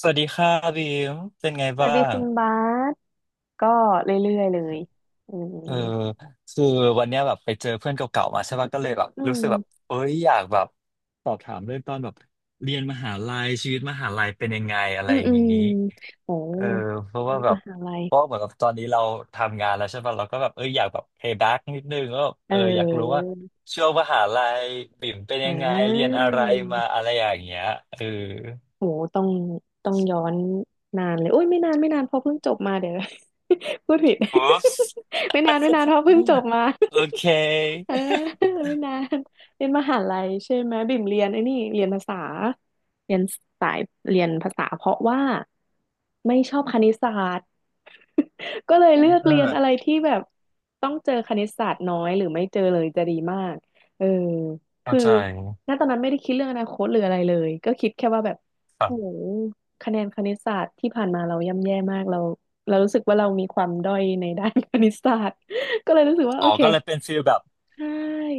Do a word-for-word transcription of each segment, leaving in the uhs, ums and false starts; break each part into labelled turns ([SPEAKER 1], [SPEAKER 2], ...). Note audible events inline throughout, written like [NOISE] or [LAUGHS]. [SPEAKER 1] สวัสดีค่ะบีมเป็นไง
[SPEAKER 2] สวั
[SPEAKER 1] บ้า
[SPEAKER 2] สดี
[SPEAKER 1] ง
[SPEAKER 2] คุณบาสก็เรื่อยๆเลยอื
[SPEAKER 1] เออ
[SPEAKER 2] ม
[SPEAKER 1] คือวันเนี้ยแบบไปเจอเพื่อนเก่าๆมาใช่ป่ะก็เลยแบบ
[SPEAKER 2] อื
[SPEAKER 1] รู้สึก
[SPEAKER 2] ม
[SPEAKER 1] แบบเอ้ยอยากแบบสอบถามเรื่องตอนแบบเรียนมหาลัยชีวิตมหาลัยเป็นยังไงอะไร
[SPEAKER 2] อืม
[SPEAKER 1] อย่า
[SPEAKER 2] อื
[SPEAKER 1] ง
[SPEAKER 2] ม
[SPEAKER 1] นี้
[SPEAKER 2] โห
[SPEAKER 1] เออเพราะว่าแบ
[SPEAKER 2] ม
[SPEAKER 1] บ
[SPEAKER 2] หาลัย
[SPEAKER 1] เพราะเหมือนกับตอนนี้เราทำงานแล้วใช่ป่ะเราก็แบบเอออยากแบบ pay back นิดนึงก็
[SPEAKER 2] เ
[SPEAKER 1] เอออยากรู้ว่า
[SPEAKER 2] ออ
[SPEAKER 1] ช่วงมหาลัยบิ่มเป็นยั
[SPEAKER 2] อ่า
[SPEAKER 1] งไงเรียนอะไรมาอะไรอย่างเงี้ยเออ
[SPEAKER 2] โหต้องต้องย้อนนานเลยโอ้ย ไม่นานไม่นานเพอเพิ่งจบมาเดี๋ยว [LAUGHS] พูดผิด
[SPEAKER 1] อุ๊ป
[SPEAKER 2] [LAUGHS] ไม่นานไม่นานเพอเพิ่งจบมา
[SPEAKER 1] โอเค
[SPEAKER 2] [LAUGHS] เออไม่นานเรียนมหาลัยใช่ไหมบิ่มเรียนไอ้นี่เรียนภาษาเรียนสายเรียนภาษาเพราะว่าไม่ชอบคณิตศาสตร์ [LAUGHS] ก็เลย
[SPEAKER 1] อ
[SPEAKER 2] เลือกเรียนอะไร
[SPEAKER 1] ่า
[SPEAKER 2] ที่แบบต้องเจอคณิตศาสตร์น้อยหรือไม่เจอเลยจะดีมากเออ
[SPEAKER 1] เข้า
[SPEAKER 2] คือ
[SPEAKER 1] ใจ
[SPEAKER 2] ณตอนนั้นไม่ได้คิดเรื่องอนาคตหรืออะไรเลยก็คิดแค่ว่าแบบ โอ้โหคะแนนคณิตศาสตร์ที่ผ่านมาเราย่ำแย่มากเราเรารู้สึกว่าเรามีความด้อยในด้าน [LAUGHS] คณิตศาสตร์ก็เลยรู้สึกว่า
[SPEAKER 1] อ๋
[SPEAKER 2] โอ
[SPEAKER 1] อ
[SPEAKER 2] เค
[SPEAKER 1] ก็เลยเป็นฟีลแบบ
[SPEAKER 2] ใช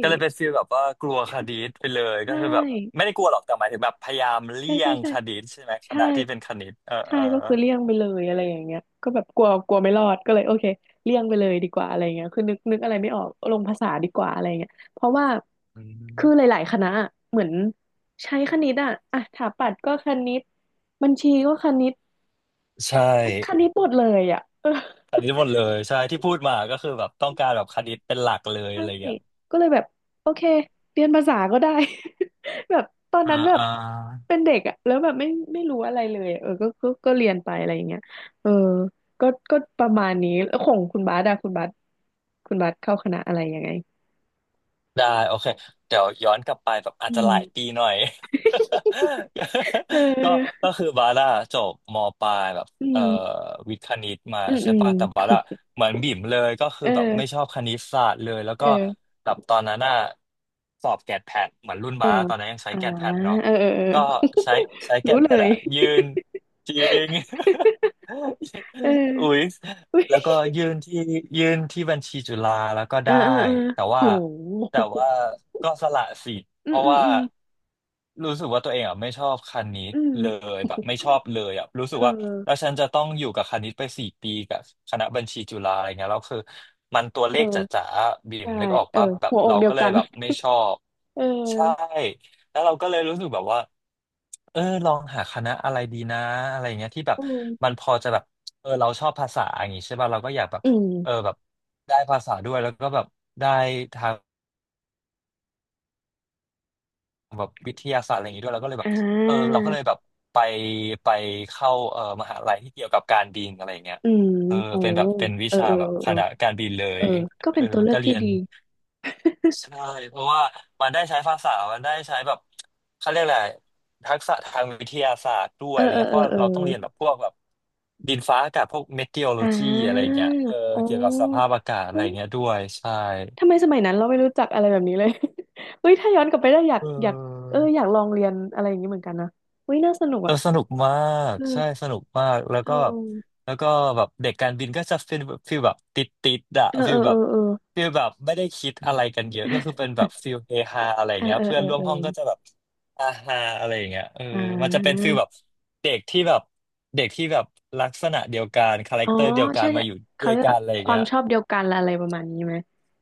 [SPEAKER 1] ก็เลยเป็นฟีลแบบว่ากลัวคดีตไปเลยก็
[SPEAKER 2] ใช่
[SPEAKER 1] คือแบบไม่ได้กลัวหรอกแต่หมายถึงแบบพยายาม
[SPEAKER 2] ใช่
[SPEAKER 1] เลี่ย
[SPEAKER 2] ใช่
[SPEAKER 1] ง
[SPEAKER 2] ใช่
[SPEAKER 1] คดีตใช่ไหมค
[SPEAKER 2] ใช่
[SPEAKER 1] ณะที่เป็นคณิตเออ
[SPEAKER 2] ใช่
[SPEAKER 1] เออ
[SPEAKER 2] ก็คือเลี่ยงไปเลยอะไรอย่างเงี้ยก็แบบกลัวกลัวไม่รอดก็เลยโอเคเลี่ยงไปเลยดีกว่าอะไรเงี้ยคือนึกนึกอะไรไม่ออกลงภาษาดีกว่าอะไรเงี้ยเพราะว่า
[SPEAKER 1] อืม
[SPEAKER 2] คือหลายๆคณะอะเหมือนใช้คณิตอ่ะอ่ะสถาปัตย์ก็คณิตบัญชีก็คณิต
[SPEAKER 1] ใช่
[SPEAKER 2] คณิตหมดเลยอ่ะเออ
[SPEAKER 1] อันนี้หมดเลยใช่ที่พูดมาก็คือแบบต้องการแบบคณิตเป็นหลักเลย
[SPEAKER 2] ใช่
[SPEAKER 1] อะไรอย่างเงี้ย
[SPEAKER 2] ก็เลยแบบโอเคเรียนภาษาก็ได้ [LAUGHS] แบบตอน
[SPEAKER 1] อ่า
[SPEAKER 2] นั้นแบบ
[SPEAKER 1] อ่า
[SPEAKER 2] เป็นเด็กอะแล้วแบบไม่ไม่รู้อะไรเลยอะเออก็ก็ก็เรียนไปอะไรอย่างเงี้ยเออก็ก็ประมาณนี้แล้วของคุณบาสอะคุณบาสคุณบาสเข้าคณะอะไรยังไง
[SPEAKER 1] ได้โอเคเดี๋ยวย้อนกลับไปแบบอา
[SPEAKER 2] อื
[SPEAKER 1] จจะ
[SPEAKER 2] ม
[SPEAKER 1] หลายปีหน่อย [LAUGHS]
[SPEAKER 2] เอ
[SPEAKER 1] ก็ก็
[SPEAKER 2] อ
[SPEAKER 1] คือบาร่าจบมปลายแบบ
[SPEAKER 2] อื
[SPEAKER 1] เอ่อ
[SPEAKER 2] ม
[SPEAKER 1] วิทย์คณิตมา
[SPEAKER 2] อืม
[SPEAKER 1] ใช่
[SPEAKER 2] อืม
[SPEAKER 1] ป่ะแต่บาร่าเหมือนบิ่มเลยก็คื
[SPEAKER 2] [LAUGHS]
[SPEAKER 1] อ
[SPEAKER 2] เ
[SPEAKER 1] แบบไม่ช
[SPEAKER 2] ออ
[SPEAKER 1] อบคณิตศาสตร์เลยแล้ว
[SPEAKER 2] เอ
[SPEAKER 1] ก็
[SPEAKER 2] อ
[SPEAKER 1] แบบตอนนั้นน่ะสอบแกดแพดเหมือนรุ่น
[SPEAKER 2] เออ
[SPEAKER 1] บาร่าตอนนั้นยังใช้
[SPEAKER 2] อ่า
[SPEAKER 1] แกดแพดเนาะ
[SPEAKER 2] เออเออเออ
[SPEAKER 1] ก็ใช้ใช้
[SPEAKER 2] [LAUGHS]
[SPEAKER 1] แก
[SPEAKER 2] รู้
[SPEAKER 1] ดแพ
[SPEAKER 2] เล
[SPEAKER 1] ด
[SPEAKER 2] ย
[SPEAKER 1] อะยืนจริง
[SPEAKER 2] [LAUGHS] เออ
[SPEAKER 1] [LAUGHS] อุ๊ย
[SPEAKER 2] [LAUGHS] อุ๊ย
[SPEAKER 1] แล้วก็ยื่นที่ยื่นที่บัญชีจุฬาแล้วก็
[SPEAKER 2] เออ
[SPEAKER 1] ได้
[SPEAKER 2] เออเออ
[SPEAKER 1] แต่
[SPEAKER 2] โห
[SPEAKER 1] ว่าแต่ว่าก็สละสิทธิ์
[SPEAKER 2] [LAUGHS] อื
[SPEAKER 1] เพ
[SPEAKER 2] ม
[SPEAKER 1] ราะ
[SPEAKER 2] อืม
[SPEAKER 1] ว่า
[SPEAKER 2] อืม
[SPEAKER 1] รู้สึกว่าตัวเองอ่ะไม่ชอบคณิต
[SPEAKER 2] อื
[SPEAKER 1] เล
[SPEAKER 2] ม
[SPEAKER 1] ยแบบไม่ชอบเลยอ่ะรู้สึ
[SPEAKER 2] เอ
[SPEAKER 1] กว่าแล้ว
[SPEAKER 2] อ
[SPEAKER 1] ฉันจะต้องอยู่กับคณิตไปสี่ปีกับคณะบัญชีจุฬาอะไรเงี้ยแล้วคือมันตัวเลขจ
[SPEAKER 2] เออ
[SPEAKER 1] ๋าๆบิ่ม
[SPEAKER 2] ใช่
[SPEAKER 1] นึกออก
[SPEAKER 2] เออ
[SPEAKER 1] ป่ะแบบ
[SPEAKER 2] หัวอ
[SPEAKER 1] เรา
[SPEAKER 2] กเดีย
[SPEAKER 1] ก็
[SPEAKER 2] ว
[SPEAKER 1] เลย
[SPEAKER 2] กัน
[SPEAKER 1] แบบไม่ชอบ
[SPEAKER 2] [LAUGHS] เออ
[SPEAKER 1] ใช่แล้วเราก็เลยรู้สึกแบบว่า เออลองหาคณะอะไรดีนะอะไรเงี้ยที่แบบ
[SPEAKER 2] อืม
[SPEAKER 1] มันพอจะแบบเออเราชอบภาษาอย่างงี้ใช่ป่ะเราก็อยากแบบ
[SPEAKER 2] อื
[SPEAKER 1] เออ
[SPEAKER 2] ม
[SPEAKER 1] แบบได้ภาษาด้วยแล้วก็แบบได้ทางแบบวิทยาศาสตร์อะไรอย่างงี้ด้วยเราก็เลยแบ
[SPEAKER 2] อ่
[SPEAKER 1] บเออเรา
[SPEAKER 2] า
[SPEAKER 1] ก็เลยแบบไปไปเข้าเออมหาลัยที่เกี่ยวกับการบินอะไรเงี้ย
[SPEAKER 2] อืม
[SPEAKER 1] เออ
[SPEAKER 2] โอ้
[SPEAKER 1] เป็นแบบเป็นวิ
[SPEAKER 2] เออ
[SPEAKER 1] ชา
[SPEAKER 2] เออ
[SPEAKER 1] แบบค
[SPEAKER 2] เออเออ
[SPEAKER 1] ณะการบินเล
[SPEAKER 2] เอ
[SPEAKER 1] ย
[SPEAKER 2] อก็
[SPEAKER 1] เอ
[SPEAKER 2] เป็
[SPEAKER 1] อ
[SPEAKER 2] นตัวเลือ
[SPEAKER 1] ก็
[SPEAKER 2] ก
[SPEAKER 1] เรี
[SPEAKER 2] ที่
[SPEAKER 1] ยน
[SPEAKER 2] ดี
[SPEAKER 1] ใช่เพราะว่ามันได้ใช้ภาษา มันได้ใช้แบบเขาเรียกอะไรทักษะทางวิทยาศาสตร์ด้วย
[SPEAKER 2] เออ
[SPEAKER 1] อะไร
[SPEAKER 2] เออ
[SPEAKER 1] เงี้ย
[SPEAKER 2] เอ
[SPEAKER 1] เพ
[SPEAKER 2] อ
[SPEAKER 1] ราะ
[SPEAKER 2] เออ
[SPEAKER 1] เราต้องเรียนแบบพวกแบบดินฟ้าอากาศพวกเมทีโอโล
[SPEAKER 2] อ่
[SPEAKER 1] จีอะไร
[SPEAKER 2] า
[SPEAKER 1] เงี้ยเออ
[SPEAKER 2] อ๋
[SPEAKER 1] เกี่ยวกับสภา
[SPEAKER 2] อ
[SPEAKER 1] พอากาศอะไร
[SPEAKER 2] เฮ้ย
[SPEAKER 1] เงี้ยด้วยใช่
[SPEAKER 2] ทำไมสมัยนั้นเราไม่รู้จักอะไรแบบนี้เลย [LAUGHS] เฮ้ยถ้าย้อนกลับไปได้อยาก
[SPEAKER 1] เอ
[SPEAKER 2] อยากเอออยา
[SPEAKER 1] อ
[SPEAKER 2] กลองเรียนอะไรอย่างนี้เหมือนกันนะเฮ้ยน่าสนุก
[SPEAKER 1] เออ
[SPEAKER 2] อ่ะ
[SPEAKER 1] สนุกมากใช่
[SPEAKER 2] เออ
[SPEAKER 1] สนุกมากแล้ว
[SPEAKER 2] เอ
[SPEAKER 1] ก็
[SPEAKER 2] อ
[SPEAKER 1] แล้วก็แบบเด็กการบินก็จะเป็นฟีลแบบติดติดอะ
[SPEAKER 2] เออ
[SPEAKER 1] ฟี
[SPEAKER 2] เอ
[SPEAKER 1] ล
[SPEAKER 2] อ
[SPEAKER 1] แบบ
[SPEAKER 2] เออ
[SPEAKER 1] ฟีลแบบไม่ได้คิดอะไรกันเยอะก็คือเป็
[SPEAKER 2] [LAUGHS]
[SPEAKER 1] นแบบฟีลเฮฮาอะไร
[SPEAKER 2] เออ
[SPEAKER 1] เงี้ย
[SPEAKER 2] เออ
[SPEAKER 1] เพื่อ
[SPEAKER 2] เอ
[SPEAKER 1] น
[SPEAKER 2] อ
[SPEAKER 1] ร่วม
[SPEAKER 2] เออ
[SPEAKER 1] ห้องก็จะแบบอาฮาอะไรอย่างเงี้ยเออ
[SPEAKER 2] เอออ
[SPEAKER 1] มันจะเป็นฟีลแบ
[SPEAKER 2] ่า
[SPEAKER 1] บเด็กที่แบบเด็กที่แบบลักษณะเดียวกันคาแร
[SPEAKER 2] อ๋
[SPEAKER 1] ค
[SPEAKER 2] อ
[SPEAKER 1] เตอร์เดียวกั
[SPEAKER 2] ใช่
[SPEAKER 1] น
[SPEAKER 2] ใช่
[SPEAKER 1] มาอยู่ด้
[SPEAKER 2] เขา
[SPEAKER 1] วย
[SPEAKER 2] เรียก
[SPEAKER 1] กัน
[SPEAKER 2] ว่า
[SPEAKER 1] อะไรอ
[SPEAKER 2] ค
[SPEAKER 1] ย่าง
[SPEAKER 2] วา
[SPEAKER 1] เงี้
[SPEAKER 2] ม
[SPEAKER 1] ย
[SPEAKER 2] ชอบเดียวกันอะไรประมาณนี้ไหม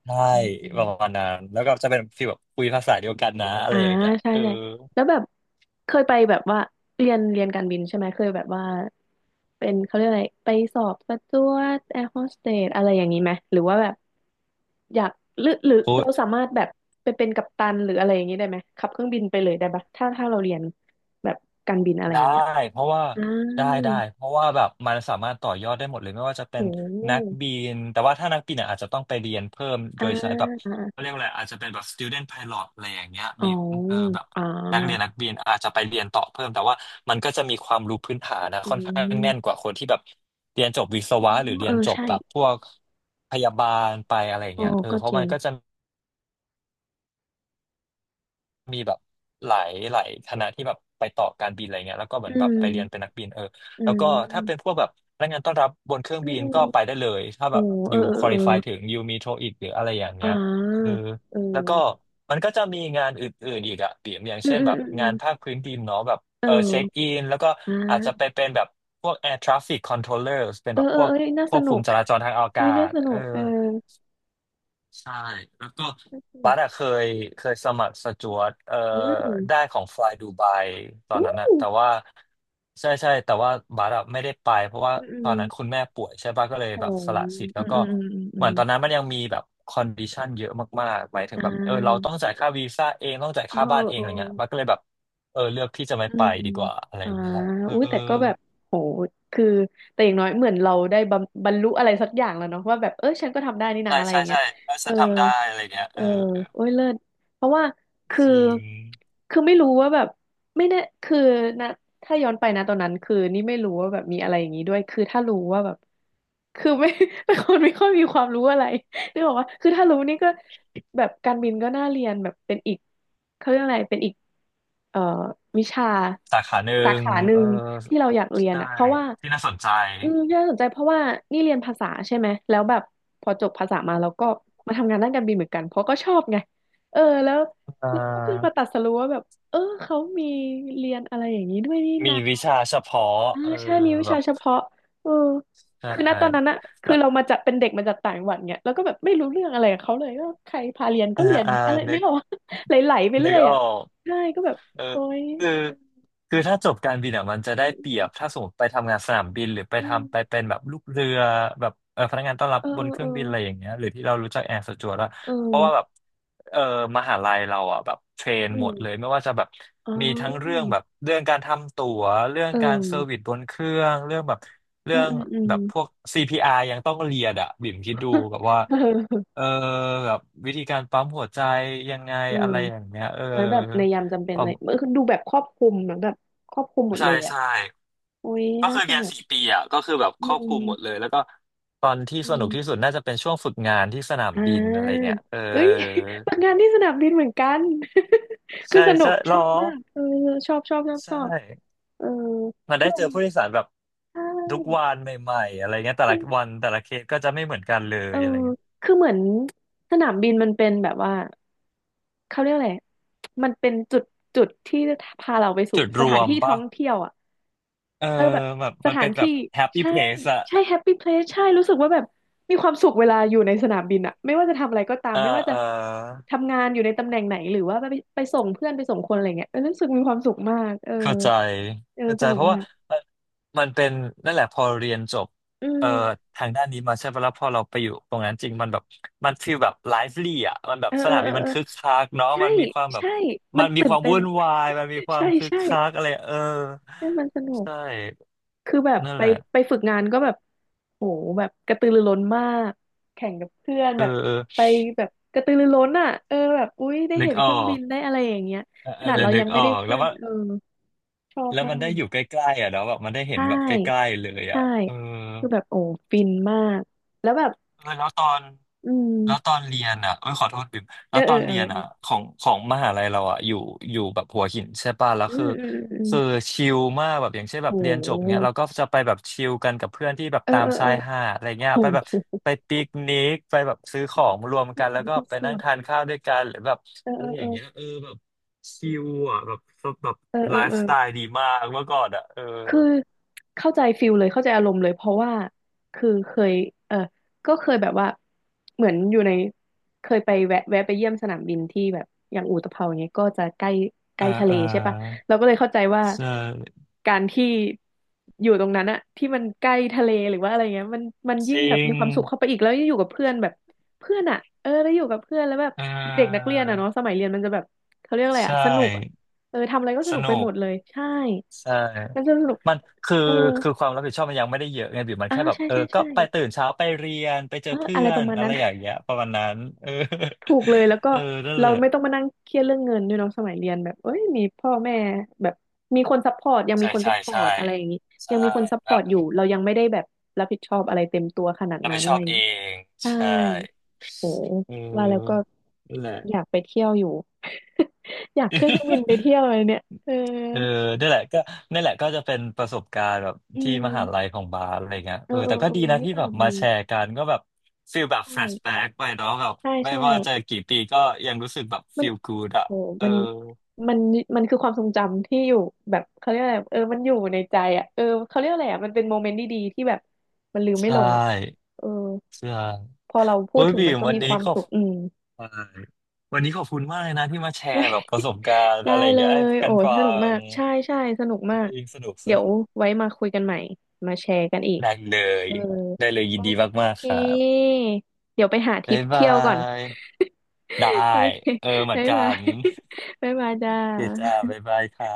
[SPEAKER 1] ใช่
[SPEAKER 2] อืมอ
[SPEAKER 1] ประมาณนั้นแล้วก็จะเป็นฟีลแบบคุยภาษาเดียวกันนะอะไร
[SPEAKER 2] ่า
[SPEAKER 1] อย่างเงี้ย
[SPEAKER 2] ใช่
[SPEAKER 1] เออ
[SPEAKER 2] ใช่แล้วแบบเคยไปแบบว่าเรียนเรียนการบินใช่ไหมเคยแบบว่าเป็นเขาเรียกอะไรไปสอบสจ๊วตแอร์โฮสเตสอะไรอย่างนี้ไหมหรือว่าแบบอยากหรือหรือเราสามารถแบบไปเป็นกัปตันหรืออะไรอย่างนี้ได้ไหมขับเครื่องบินไปเลยได้ปะถ้าถ้าเราเรียนแบบการบินอะไรอ
[SPEAKER 1] ได้
[SPEAKER 2] ย่างเงี้ย
[SPEAKER 1] เพราะว่า
[SPEAKER 2] อ่
[SPEAKER 1] ได้
[SPEAKER 2] า
[SPEAKER 1] ได้เพราะว่าแบบมันสามารถต่อยอดได้หมดเลยไม่ว่าจะเป็
[SPEAKER 2] โ
[SPEAKER 1] นนัก
[SPEAKER 2] ห
[SPEAKER 1] บินแต่ว่าถ้านักบินเนี่ยอาจจะต้องไปเรียนเพิ่มโด
[SPEAKER 2] อ่
[SPEAKER 1] ยใช้แบบ
[SPEAKER 2] า
[SPEAKER 1] เขาเรียกว่าอะไรอาจจะเป็นแบบ student pilot อะไรอย่างเงี้ย
[SPEAKER 2] อ๋อ
[SPEAKER 1] บินเออแบบ
[SPEAKER 2] อ๋อ
[SPEAKER 1] นักเรียนนักบินอาจจะไปเรียนต่อเพิ่มแต่ว่ามันก็จะมีความรู้พื้นฐานนะ
[SPEAKER 2] อื
[SPEAKER 1] ค่อนข้างแน่น
[SPEAKER 2] ม
[SPEAKER 1] กว่าคนที่แบบเรียนจบวิศ
[SPEAKER 2] อ๋อ
[SPEAKER 1] วะหรือเรี
[SPEAKER 2] เอ
[SPEAKER 1] ย
[SPEAKER 2] อ
[SPEAKER 1] นจบ
[SPEAKER 2] ใช่
[SPEAKER 1] แบบพวกพยาบาลไปอะไรอย่าง
[SPEAKER 2] โอ้
[SPEAKER 1] เงี้ยเออ
[SPEAKER 2] ก็
[SPEAKER 1] เพ
[SPEAKER 2] จ
[SPEAKER 1] ราะ
[SPEAKER 2] ริ
[SPEAKER 1] มั
[SPEAKER 2] ง
[SPEAKER 1] นก็จะ มีแบบหลายหลายคณะที่แบบไปต่อการบินอะไรเงี้ยแล้วก็เหมื
[SPEAKER 2] อื
[SPEAKER 1] อนแบบไปเรียนเป็น
[SPEAKER 2] ม
[SPEAKER 1] นักบินเออ
[SPEAKER 2] อื
[SPEAKER 1] แล้วก็ถ้าเป็นพ
[SPEAKER 2] ม
[SPEAKER 1] วกแบบพนักงานต้อนรับบนเครื่อง
[SPEAKER 2] อืม
[SPEAKER 1] บิน
[SPEAKER 2] อืม
[SPEAKER 1] ก็ไปได้เลยถ้า
[SPEAKER 2] โอ้
[SPEAKER 1] แบบอ
[SPEAKER 2] เออ
[SPEAKER 1] ยู่
[SPEAKER 2] เออ
[SPEAKER 1] ค u a l
[SPEAKER 2] เอ
[SPEAKER 1] i
[SPEAKER 2] อ
[SPEAKER 1] f y ถึงยูมีโทอีกหรืออะไรอย่าง
[SPEAKER 2] อ่
[SPEAKER 1] เงี้ยเออ
[SPEAKER 2] าเอ
[SPEAKER 1] แล้วก็
[SPEAKER 2] อ
[SPEAKER 1] มันก็จะมีงานอื่นๆอีกอะปิ่มอย่าง
[SPEAKER 2] อื
[SPEAKER 1] เช่
[SPEAKER 2] ม
[SPEAKER 1] น
[SPEAKER 2] อื
[SPEAKER 1] แบ
[SPEAKER 2] ม
[SPEAKER 1] บ
[SPEAKER 2] อืมอื
[SPEAKER 1] งานภาค
[SPEAKER 2] ม
[SPEAKER 1] พื้นดินเนาะแบบ
[SPEAKER 2] เอ
[SPEAKER 1] เออเช็คอิ
[SPEAKER 2] อ
[SPEAKER 1] นแล้วก็
[SPEAKER 2] อ่
[SPEAKER 1] อาจจะไป
[SPEAKER 2] า
[SPEAKER 1] เป็นแบบพวก Air Traffic Controllers เป็น
[SPEAKER 2] เออ
[SPEAKER 1] แบบ
[SPEAKER 2] เอ
[SPEAKER 1] พ
[SPEAKER 2] อ
[SPEAKER 1] วก
[SPEAKER 2] เอ้ยน่า
[SPEAKER 1] ค
[SPEAKER 2] ส
[SPEAKER 1] วบ
[SPEAKER 2] นุ
[SPEAKER 1] คุม
[SPEAKER 2] ก
[SPEAKER 1] จราจรทางอา
[SPEAKER 2] เอ้
[SPEAKER 1] กา
[SPEAKER 2] ยน่า
[SPEAKER 1] ศ
[SPEAKER 2] สนุ
[SPEAKER 1] เออ
[SPEAKER 2] กเออ
[SPEAKER 1] ใช่ แล้วก็
[SPEAKER 2] น่าส
[SPEAKER 1] บั
[SPEAKER 2] นุก
[SPEAKER 1] สอะเคยเคยสมัครสจ๊วตเอ่อ
[SPEAKER 2] อืม
[SPEAKER 1] ได้ของ Fly Dubai ตอน
[SPEAKER 2] อู้
[SPEAKER 1] นั้นอะแต่ว่าใช่ใช่แต่ว่าบัสอะไม่ได้ไปเพราะว่า
[SPEAKER 2] อืมอื
[SPEAKER 1] ตอ
[SPEAKER 2] ม
[SPEAKER 1] นนั้นคุณแม่ป่วยใช่ป่ะก็เลย
[SPEAKER 2] โอ้
[SPEAKER 1] แบบสละสิทธิ์แล้
[SPEAKER 2] อื
[SPEAKER 1] ว
[SPEAKER 2] ม
[SPEAKER 1] ก็
[SPEAKER 2] อืมอืมอืมอื
[SPEAKER 1] เหมือนตอนนั้น
[SPEAKER 2] ม
[SPEAKER 1] มันยังมีแบบคอนดิชันเยอะมากๆหมายถึง
[SPEAKER 2] อ่
[SPEAKER 1] แบบเออเรา
[SPEAKER 2] า
[SPEAKER 1] ต้องจ่ายค่าวีซ่าเองต้องจ่าย
[SPEAKER 2] อ๋อ
[SPEAKER 1] ค่าบ้านเอง
[SPEAKER 2] เอ
[SPEAKER 1] อะ
[SPEAKER 2] อ
[SPEAKER 1] ไรเงี้ยบัสก็เลยแบบเออเลือกที่จะไม่
[SPEAKER 2] เอออื
[SPEAKER 1] ไปดี
[SPEAKER 2] ม
[SPEAKER 1] กว่าอะไร
[SPEAKER 2] อ่า
[SPEAKER 1] เงี้ยเออ
[SPEAKER 2] อุ้ยแต่ก็แบบ โห คือ แต่อย่างน้อยเหมือนเราได้บำบรรลุอะไรสักอย่างแล้วเนาะว่าแบบเออฉันก็ทำได้นี่
[SPEAKER 1] ใช่
[SPEAKER 2] นะ อะไรอ
[SPEAKER 1] ใช่
[SPEAKER 2] ย่างเงี้
[SPEAKER 1] ใช่
[SPEAKER 2] ย
[SPEAKER 1] เออ
[SPEAKER 2] เอ
[SPEAKER 1] ฉั
[SPEAKER 2] อ
[SPEAKER 1] นทำได้อะไรเงี้ย
[SPEAKER 2] เอ
[SPEAKER 1] เออ
[SPEAKER 2] อโอ้ยเลิศเพราะว่าคือ
[SPEAKER 1] จริง
[SPEAKER 2] คือไม่รู้ว่าแบบไม่แน่คือนะถ้าย้อนไปนะตอนนั้นคือนี่ไม่รู้ว่าแบบมีอะไรอย่างนี้ด้วยคือถ้ารู้ว่าแบบคือไม่ [LAUGHS] เป็นคนไม่ค่อยมีความรู้อะไรนึกออกว่าคือถ้ารู้นี่ก็แบบการบินก็น่าเรียนแบบเป็นอีกเขาเรียกอะไรเป็นอีก เอ่อวิชา
[SPEAKER 1] สาขาหนึ่
[SPEAKER 2] สา
[SPEAKER 1] ง
[SPEAKER 2] ขาห
[SPEAKER 1] เอ
[SPEAKER 2] นึ่
[SPEAKER 1] อ
[SPEAKER 2] งที่เราอยากเรียน
[SPEAKER 1] ใช่
[SPEAKER 2] อ่ะเพราะว่า
[SPEAKER 1] ที่น่าสนใจ
[SPEAKER 2] อืมที่น่าสนใจเพราะว่านี่เรียนภาษาใช่ไหมแล้วแบบพอจบภาษามาแล้วก็มาทำงานด้านการบินเหมือนกันเพราะก็ชอบไงเออแล้ว
[SPEAKER 1] เอ่
[SPEAKER 2] แล้วก็เพิ่งมา
[SPEAKER 1] อ
[SPEAKER 2] ตัดสรู้ว่าแบบเออเขามีเรียนอะไรอย่างนี้ด้วยนี่
[SPEAKER 1] มี
[SPEAKER 2] นะ
[SPEAKER 1] วิชาเฉพาะ
[SPEAKER 2] อ่า
[SPEAKER 1] เออ
[SPEAKER 2] ใช่มีวิ
[SPEAKER 1] แบ
[SPEAKER 2] ชา
[SPEAKER 1] บ
[SPEAKER 2] เฉพาะเออ
[SPEAKER 1] ใช่
[SPEAKER 2] คือณตอนนั้นอะคื
[SPEAKER 1] แล้
[SPEAKER 2] อ
[SPEAKER 1] ว
[SPEAKER 2] เรามาจากเป็นเด็กมาจากต่างจังหวัดเนี่ยแล้วก็แบบไม่รู้เรื่องอะไรกับเขาเลยก็ใครพาเรียนก็
[SPEAKER 1] อ่า
[SPEAKER 2] เรียน
[SPEAKER 1] อ่า
[SPEAKER 2] อะไร
[SPEAKER 1] นึ
[SPEAKER 2] นึ
[SPEAKER 1] ก
[SPEAKER 2] กออกปะ [LAUGHS] ไหลๆไป
[SPEAKER 1] นึ
[SPEAKER 2] เรื่
[SPEAKER 1] ก
[SPEAKER 2] อย
[SPEAKER 1] ออ
[SPEAKER 2] อะ
[SPEAKER 1] ก
[SPEAKER 2] ใช่ก็แบบ
[SPEAKER 1] เออ
[SPEAKER 2] โอ้ย
[SPEAKER 1] คือคือถ้าจบการบินอ่ะมันจะได้
[SPEAKER 2] อื
[SPEAKER 1] เปรียบ
[SPEAKER 2] ม
[SPEAKER 1] ถ้าสมมติไปทำงานสนามบินหรือไป
[SPEAKER 2] อืม
[SPEAKER 1] ทำไปเป็นแบบลูกเรือแบบเออพนักงานต้อนรับ
[SPEAKER 2] เออ
[SPEAKER 1] บนเค
[SPEAKER 2] เอ
[SPEAKER 1] รื่อ
[SPEAKER 2] อ
[SPEAKER 1] งบินอะไรอย่างเงี้ยหรือที่เรารู้จักแอร์สจวตอะ
[SPEAKER 2] เอ
[SPEAKER 1] เพราะว่าแบ
[SPEAKER 2] อ
[SPEAKER 1] บเออมหาลัยเราอ่ะแบบเทรน
[SPEAKER 2] เอออื
[SPEAKER 1] หมดเลย
[SPEAKER 2] ม
[SPEAKER 1] ไม่ว่าจะแบบ
[SPEAKER 2] อ๋
[SPEAKER 1] มีทั้งเรื่อ
[SPEAKER 2] อ
[SPEAKER 1] งแบบเรื่องการทำตั๋วเรื่อง
[SPEAKER 2] เออ
[SPEAKER 1] การเซอร์วิสบนเครื่องเรื่องแบบ
[SPEAKER 2] อื
[SPEAKER 1] เรื่อ
[SPEAKER 2] ม
[SPEAKER 1] ง
[SPEAKER 2] อืมอืม
[SPEAKER 1] แบบพวก ซี พี อาร์ ยังต้องเรียนอ่ะบิ่มคิดดูแบบว่า
[SPEAKER 2] เออ
[SPEAKER 1] เออแบบวิธีการปั๊มหัวใจยังไง
[SPEAKER 2] เออ
[SPEAKER 1] อะไรอย่างเงี้ยเอ
[SPEAKER 2] ไว้แบบในยามจำเป็นอะไรเอ
[SPEAKER 1] อ
[SPEAKER 2] อคือดูแบบครอบคลุมเหมือแบบครอบคลุมหมด
[SPEAKER 1] ใช่
[SPEAKER 2] เลยอ่ะ
[SPEAKER 1] ใช่
[SPEAKER 2] โอ้ย
[SPEAKER 1] ก็
[SPEAKER 2] น่า
[SPEAKER 1] คือ
[SPEAKER 2] ส
[SPEAKER 1] เรียน
[SPEAKER 2] นุก
[SPEAKER 1] สี่ปีอ่ะก็คือแบบค
[SPEAKER 2] อื
[SPEAKER 1] รอบคลุมหมดเลย
[SPEAKER 2] ม
[SPEAKER 1] แล้วก็ตอนที่
[SPEAKER 2] อื
[SPEAKER 1] สนุกที่สุ
[SPEAKER 2] ม
[SPEAKER 1] ดน่าจะเป็นช่วงฝึกงานที่สนาม
[SPEAKER 2] อ่
[SPEAKER 1] บินอะไร
[SPEAKER 2] า
[SPEAKER 1] เงี้ยเออ
[SPEAKER 2] เฮ้ย [LAUGHS] ทำงานที่สนามบินเหมือนกัน [LAUGHS] คื
[SPEAKER 1] ใช่
[SPEAKER 2] อสนุ
[SPEAKER 1] ใช่
[SPEAKER 2] ก
[SPEAKER 1] ห
[SPEAKER 2] ช
[SPEAKER 1] รอ
[SPEAKER 2] อบมากเออชอบชอบชอบ
[SPEAKER 1] ใช่
[SPEAKER 2] ชอบเออ
[SPEAKER 1] มัน
[SPEAKER 2] ก็
[SPEAKER 1] ได้
[SPEAKER 2] เล
[SPEAKER 1] เจ
[SPEAKER 2] ย
[SPEAKER 1] อผู้โดยสารแบบ
[SPEAKER 2] ใช
[SPEAKER 1] ทุกวั
[SPEAKER 2] ่
[SPEAKER 1] นใหม่ๆอะไรเงี้ยแต่
[SPEAKER 2] มั
[SPEAKER 1] ละ
[SPEAKER 2] น
[SPEAKER 1] วันแต่ละเคสก็จะไม่เหมือนกันเล
[SPEAKER 2] เอ
[SPEAKER 1] ย
[SPEAKER 2] อ
[SPEAKER 1] อะไรเงี้ย
[SPEAKER 2] คือเหมือนสนามบินมันเป็นแบบว่า เขาเรียกอะไร มันเป็นจุดจุดที่พาเราไปสู่
[SPEAKER 1] จุด
[SPEAKER 2] ส
[SPEAKER 1] ร
[SPEAKER 2] ถา
[SPEAKER 1] ว
[SPEAKER 2] น
[SPEAKER 1] ม
[SPEAKER 2] ที่ท่
[SPEAKER 1] ปะ
[SPEAKER 2] องเที่ยวอ่ะ
[SPEAKER 1] เออ
[SPEAKER 2] เออแบบ
[SPEAKER 1] แบบ
[SPEAKER 2] ส
[SPEAKER 1] มัน
[SPEAKER 2] ถา
[SPEAKER 1] เป็
[SPEAKER 2] น
[SPEAKER 1] นแบบ
[SPEAKER 2] ที่
[SPEAKER 1] แฮปปี้
[SPEAKER 2] ใช่
[SPEAKER 1] เพ c สอะ
[SPEAKER 2] ใช่แฮปปี้เพลสใช่รู้สึกว่าแบบมีความสุขเวลาอยู่ในสนามบินอ่ะไม่ว่าจะทำอะไรก็ตา
[SPEAKER 1] เอ
[SPEAKER 2] ม
[SPEAKER 1] อ
[SPEAKER 2] ไม่ว่า
[SPEAKER 1] เอ
[SPEAKER 2] จะ
[SPEAKER 1] อ
[SPEAKER 2] ทำงานอยู่ในตำแหน่งไหนหรือว่าไปไปส่งเพื่อนไปส่งคนอะไรเงี้ยเออรู้สึกมีความสุขมากเออ
[SPEAKER 1] เข้าใจ
[SPEAKER 2] เออ
[SPEAKER 1] เข้า
[SPEAKER 2] ส
[SPEAKER 1] ใจ
[SPEAKER 2] นุ
[SPEAKER 1] เพ
[SPEAKER 2] ก
[SPEAKER 1] ราะว่า
[SPEAKER 2] มาก
[SPEAKER 1] เอ่อมันเป็นนั่นแหละพอเรียนจบ
[SPEAKER 2] อื
[SPEAKER 1] เอ่อ
[SPEAKER 2] ม
[SPEAKER 1] ทางด้านนี้มาใช่ไหมแล้วพอเราไปอยู่ตรงนั้นจริงมันแบบมันฟีลแบบไลฟ์ลี่อ่ะมันแบบ
[SPEAKER 2] เออ
[SPEAKER 1] ส
[SPEAKER 2] เอ
[SPEAKER 1] นา
[SPEAKER 2] อ
[SPEAKER 1] ม
[SPEAKER 2] เอ
[SPEAKER 1] บิ
[SPEAKER 2] อ
[SPEAKER 1] นมั
[SPEAKER 2] เอ
[SPEAKER 1] น
[SPEAKER 2] อ
[SPEAKER 1] คึกคักเนาะ
[SPEAKER 2] ใช่
[SPEAKER 1] มันมีความแบบ
[SPEAKER 2] ใช่
[SPEAKER 1] มั
[SPEAKER 2] มัน
[SPEAKER 1] นมี
[SPEAKER 2] ตื่
[SPEAKER 1] ค
[SPEAKER 2] น
[SPEAKER 1] วาม
[SPEAKER 2] เต้
[SPEAKER 1] วุ่
[SPEAKER 2] น
[SPEAKER 1] นวาย
[SPEAKER 2] [LAUGHS]
[SPEAKER 1] มันมีควา
[SPEAKER 2] ใช่
[SPEAKER 1] มคึก
[SPEAKER 2] ใช่
[SPEAKER 1] คักอะไรเออ
[SPEAKER 2] ใช่มันสนุก
[SPEAKER 1] ใช่
[SPEAKER 2] คือแบบ
[SPEAKER 1] นั่น
[SPEAKER 2] ไป
[SPEAKER 1] แหละ
[SPEAKER 2] ไปฝึกงานก็แบบโหแบบกระตือรือร้นมากแข่งกับเพื่อน
[SPEAKER 1] เอ
[SPEAKER 2] แบ
[SPEAKER 1] อ
[SPEAKER 2] บ
[SPEAKER 1] เออ
[SPEAKER 2] ไปแบบกระตือรือร้นอ่ะเออแบบอุ๊ยได้
[SPEAKER 1] นึก
[SPEAKER 2] เห็น
[SPEAKER 1] อ
[SPEAKER 2] เค
[SPEAKER 1] อ
[SPEAKER 2] รื่องบิ
[SPEAKER 1] ก
[SPEAKER 2] นได้อะไรอย่างเงี้ย
[SPEAKER 1] เออ
[SPEAKER 2] ข
[SPEAKER 1] เอ
[SPEAKER 2] นาด
[SPEAKER 1] อ
[SPEAKER 2] เรา
[SPEAKER 1] นึ
[SPEAKER 2] ยั
[SPEAKER 1] ก
[SPEAKER 2] ง
[SPEAKER 1] อ
[SPEAKER 2] ไม่
[SPEAKER 1] อ
[SPEAKER 2] ได้
[SPEAKER 1] กแล้
[SPEAKER 2] ขึ้
[SPEAKER 1] ว
[SPEAKER 2] น
[SPEAKER 1] ว่า
[SPEAKER 2] เออชอบ
[SPEAKER 1] แล้ว
[SPEAKER 2] มา
[SPEAKER 1] มันได้
[SPEAKER 2] ก
[SPEAKER 1] อยู่ใกล้ๆอ่ะเนาะแบบมันได้เห็น
[SPEAKER 2] ใช่
[SPEAKER 1] แบบใกล้ๆเลยอ่ะ
[SPEAKER 2] ใช่
[SPEAKER 1] เออ
[SPEAKER 2] คือแบบโอ้ฟินมากแล้วแบบ
[SPEAKER 1] เออแล้วตอน
[SPEAKER 2] อื
[SPEAKER 1] แล้วตอ
[SPEAKER 2] ม
[SPEAKER 1] นเรียนอ่ะเอ้ยขอโทษบิม
[SPEAKER 2] เอ
[SPEAKER 1] แล้
[SPEAKER 2] อ
[SPEAKER 1] วต
[SPEAKER 2] เอ
[SPEAKER 1] อ
[SPEAKER 2] อ
[SPEAKER 1] นเรี
[SPEAKER 2] เอะ
[SPEAKER 1] ย
[SPEAKER 2] ไร
[SPEAKER 1] นอ่ะของของมหาลัยเราอ่ะอยู่อยู่แบบหัวหินใช่ป่ะแล้ว
[SPEAKER 2] อื
[SPEAKER 1] คือ
[SPEAKER 2] มอืมอืมอื
[SPEAKER 1] คือ
[SPEAKER 2] ม
[SPEAKER 1] ชิลมากแบบอย่างเช่นแบ
[SPEAKER 2] โ
[SPEAKER 1] บเรียนจบ
[SPEAKER 2] ห
[SPEAKER 1] เนี้ยเราก็จะไปแบบชิลกันกับเพื่อนที่แบบ
[SPEAKER 2] เออ
[SPEAKER 1] ตา
[SPEAKER 2] เอ
[SPEAKER 1] ม
[SPEAKER 2] อเอ
[SPEAKER 1] ชา
[SPEAKER 2] อ
[SPEAKER 1] ยหาดอะไรเงี้ย
[SPEAKER 2] โห [LAUGHS]
[SPEAKER 1] ไปแบบไปปิกนิกไปแบบซื้อของรวม
[SPEAKER 2] ส
[SPEAKER 1] กันแล้วก็ไป
[SPEAKER 2] ุ
[SPEAKER 1] นั่งทา
[SPEAKER 2] ด
[SPEAKER 1] นข้าวด้วยกันหรือแบบ
[SPEAKER 2] ๆเออเอ
[SPEAKER 1] อะไร
[SPEAKER 2] อ
[SPEAKER 1] อ
[SPEAKER 2] เอ
[SPEAKER 1] ย่า
[SPEAKER 2] อ
[SPEAKER 1] งเงี้ยเออแบบชิลอ่ะแบบแบบ
[SPEAKER 2] เออเอ
[SPEAKER 1] ไล
[SPEAKER 2] อเอ
[SPEAKER 1] ฟ์
[SPEAKER 2] อ
[SPEAKER 1] สไตล์ดีมากเมื่อก่อนอ่ะเออ
[SPEAKER 2] คือเข้าใจฟิลเลยเข้าใจอารมณ์เลยเพราะว่าคือเคยเออก็เคยแบบว่าเหมือนอยู่ในเคยไปแวะแวะไปเยี่ยมสนามบินที่แบบอย่างอู่ตะเภาอย่างเงี้ยก็จะใกล้ใก
[SPEAKER 1] เออ
[SPEAKER 2] ล้ทะเล
[SPEAKER 1] เออ
[SPEAKER 2] ใช่ปะเราก็เลยเข้าใจว่า
[SPEAKER 1] เออ
[SPEAKER 2] การที่อยู่ตรงนั้นอะที่มันใกล้ทะเลหรือว่าอะไรเงี้ยมันมัน
[SPEAKER 1] จ
[SPEAKER 2] ยิ่ง
[SPEAKER 1] ริ
[SPEAKER 2] แบบ
[SPEAKER 1] ง
[SPEAKER 2] มีความสุขเข้าไปอีกแล้วยิ่งอยู่กับเพื่อนแบบเพื่อนอะเออแล้วอยู่กับเพื่อนแล้วแบบ
[SPEAKER 1] เอ
[SPEAKER 2] เด็กนัก
[SPEAKER 1] อ
[SPEAKER 2] เรียนอะเนาะสมัยเรียนมันจะแบบเขาเรียกอะไร
[SPEAKER 1] ใช่
[SPEAKER 2] อะสนุกอะเออทำอะไรก็ส
[SPEAKER 1] ส
[SPEAKER 2] นุกไป
[SPEAKER 1] นุ
[SPEAKER 2] ห
[SPEAKER 1] ก
[SPEAKER 2] มดเลยใช่
[SPEAKER 1] ใช่
[SPEAKER 2] มันจะสนุก
[SPEAKER 1] มันคือ
[SPEAKER 2] เออ
[SPEAKER 1] คือความรับผิดชอบมันยังไม่ได้เยอะไงบิวมัน
[SPEAKER 2] อ้า
[SPEAKER 1] แค่
[SPEAKER 2] ว
[SPEAKER 1] แบบ
[SPEAKER 2] ใช่
[SPEAKER 1] เออ
[SPEAKER 2] ใช่
[SPEAKER 1] ก็
[SPEAKER 2] ใช่
[SPEAKER 1] ไปตื่นเช้าไปเรียนไปเจ
[SPEAKER 2] เอ
[SPEAKER 1] อ
[SPEAKER 2] อ
[SPEAKER 1] เพื่
[SPEAKER 2] อะไร
[SPEAKER 1] อ
[SPEAKER 2] ป
[SPEAKER 1] น
[SPEAKER 2] ระมาณ
[SPEAKER 1] อะ
[SPEAKER 2] นั้
[SPEAKER 1] ไร
[SPEAKER 2] น
[SPEAKER 1] อย่าง
[SPEAKER 2] [LAUGHS]
[SPEAKER 1] เงี้ยประมาณนั้นเออ
[SPEAKER 2] ถูกเลยแล้วก็
[SPEAKER 1] [LAUGHS] เออนั่น
[SPEAKER 2] เรา
[SPEAKER 1] แหละ
[SPEAKER 2] ไม่ต้องมานั่งเครียดเรื่องเงินด้วยเนาะสมัยเรียนแบบเอ้ยมีพ่อแม่แบบมีคนซัพพอร์ตยัง
[SPEAKER 1] ใช่
[SPEAKER 2] มีคน
[SPEAKER 1] ใช่
[SPEAKER 2] ซัพพอ
[SPEAKER 1] ใช่
[SPEAKER 2] ร์ตอะไรอย่างนี้
[SPEAKER 1] ใช่
[SPEAKER 2] ยังมีคนซัพพ
[SPEAKER 1] แบ
[SPEAKER 2] อร์
[SPEAKER 1] บ
[SPEAKER 2] ตอยู่เรายังไม่ได้แบบรับผิดชอบอะไรเต็มตัวขนาด
[SPEAKER 1] รับ
[SPEAKER 2] นั้
[SPEAKER 1] ผิ
[SPEAKER 2] น
[SPEAKER 1] ดช
[SPEAKER 2] อะ
[SPEAKER 1] อ
[SPEAKER 2] ไร
[SPEAKER 1] บ
[SPEAKER 2] อย่าง
[SPEAKER 1] เอ
[SPEAKER 2] นี้
[SPEAKER 1] ง
[SPEAKER 2] ใช่
[SPEAKER 1] ใช่
[SPEAKER 2] โห
[SPEAKER 1] เ
[SPEAKER 2] ว่าแล้วก็
[SPEAKER 1] ออนั่นแหละ
[SPEAKER 2] อยากไปเที่ยวอยู่ [LAUGHS] อยากขึ้นเครื่องบินไปเที่ยวอะไรเนี่ยเออ
[SPEAKER 1] เออนี่นแหละก็นี่นแหละก็จะเป็นประสบการณ์แบบ
[SPEAKER 2] อื
[SPEAKER 1] ที่มหาลัย
[SPEAKER 2] ม
[SPEAKER 1] ของบาสอะไรเงี้ย
[SPEAKER 2] เอ
[SPEAKER 1] เอ
[SPEAKER 2] อ
[SPEAKER 1] อ
[SPEAKER 2] เอ
[SPEAKER 1] แต่
[SPEAKER 2] อ
[SPEAKER 1] ก็
[SPEAKER 2] เออ
[SPEAKER 1] ดีนะ
[SPEAKER 2] ไม่
[SPEAKER 1] ที่
[SPEAKER 2] ส
[SPEAKER 1] แบ
[SPEAKER 2] นุ
[SPEAKER 1] บ
[SPEAKER 2] ก
[SPEAKER 1] มา
[SPEAKER 2] ดี
[SPEAKER 1] แชร์กันก็แบบฟีลแบบ
[SPEAKER 2] ใช
[SPEAKER 1] แฟลชแบ็
[SPEAKER 2] ่
[SPEAKER 1] กไปเนาะแบบ
[SPEAKER 2] ใช่
[SPEAKER 1] ไม่
[SPEAKER 2] ใช่
[SPEAKER 1] ว่าจะกี่ปีก็ยังรู้สึกแบบ
[SPEAKER 2] มั
[SPEAKER 1] ฟี
[SPEAKER 2] น
[SPEAKER 1] ลกู o ดอ่ะ
[SPEAKER 2] โอ้
[SPEAKER 1] เออ
[SPEAKER 2] มันมันมันคือความทรงจำที่อยู่แบบเขาเรียกอะไรเออมันอยู่ในใจอ่ะเออเขาเรียกอะไรอ่ะมันเป็นโมเมนต์ดีๆที่แบบมันลืมไม่
[SPEAKER 1] ใช่
[SPEAKER 2] ลงอ่ะเออ
[SPEAKER 1] ใช่
[SPEAKER 2] พอเราพู
[SPEAKER 1] โอ้
[SPEAKER 2] ด
[SPEAKER 1] ย
[SPEAKER 2] ถึง
[SPEAKER 1] บี
[SPEAKER 2] มัน
[SPEAKER 1] ม
[SPEAKER 2] ก็
[SPEAKER 1] วัน
[SPEAKER 2] มี
[SPEAKER 1] นี้
[SPEAKER 2] ความ
[SPEAKER 1] ขอบ
[SPEAKER 2] สุขอืม
[SPEAKER 1] ใช่วันนี้ขอบคุณมากเลยนะที่มาแชร์แบบประ
[SPEAKER 2] [LAUGHS]
[SPEAKER 1] สบการณ์
[SPEAKER 2] ได้
[SPEAKER 1] อะไรอย่าง
[SPEAKER 2] เล
[SPEAKER 1] เงี้ยให้
[SPEAKER 2] ย
[SPEAKER 1] กั
[SPEAKER 2] โอ้
[SPEAKER 1] นฟั
[SPEAKER 2] สนุกมา
[SPEAKER 1] ง
[SPEAKER 2] กใช่ใช่สนุกมาก
[SPEAKER 1] ดีสนุกส
[SPEAKER 2] เดี๋ยว
[SPEAKER 1] นุก
[SPEAKER 2] ไว้มาคุยกันใหม่มาแชร์กันอีก
[SPEAKER 1] ได้เลย
[SPEAKER 2] เออ
[SPEAKER 1] ได้เลยยิ
[SPEAKER 2] โอ
[SPEAKER 1] นดีมาก
[SPEAKER 2] เค
[SPEAKER 1] ๆครับ
[SPEAKER 2] เดี๋ยวไปหาทริ
[SPEAKER 1] บ๊า
[SPEAKER 2] ป
[SPEAKER 1] ยบา
[SPEAKER 2] เที่ยวก่อน
[SPEAKER 1] ยได้
[SPEAKER 2] [LAUGHS] โอเค
[SPEAKER 1] เออเหมือน
[SPEAKER 2] บ๊าย
[SPEAKER 1] กั
[SPEAKER 2] บาย
[SPEAKER 1] น
[SPEAKER 2] [LAUGHS] บ๊ายบายจ้า
[SPEAKER 1] โอเคจ้า บ๊ายบายค่ะ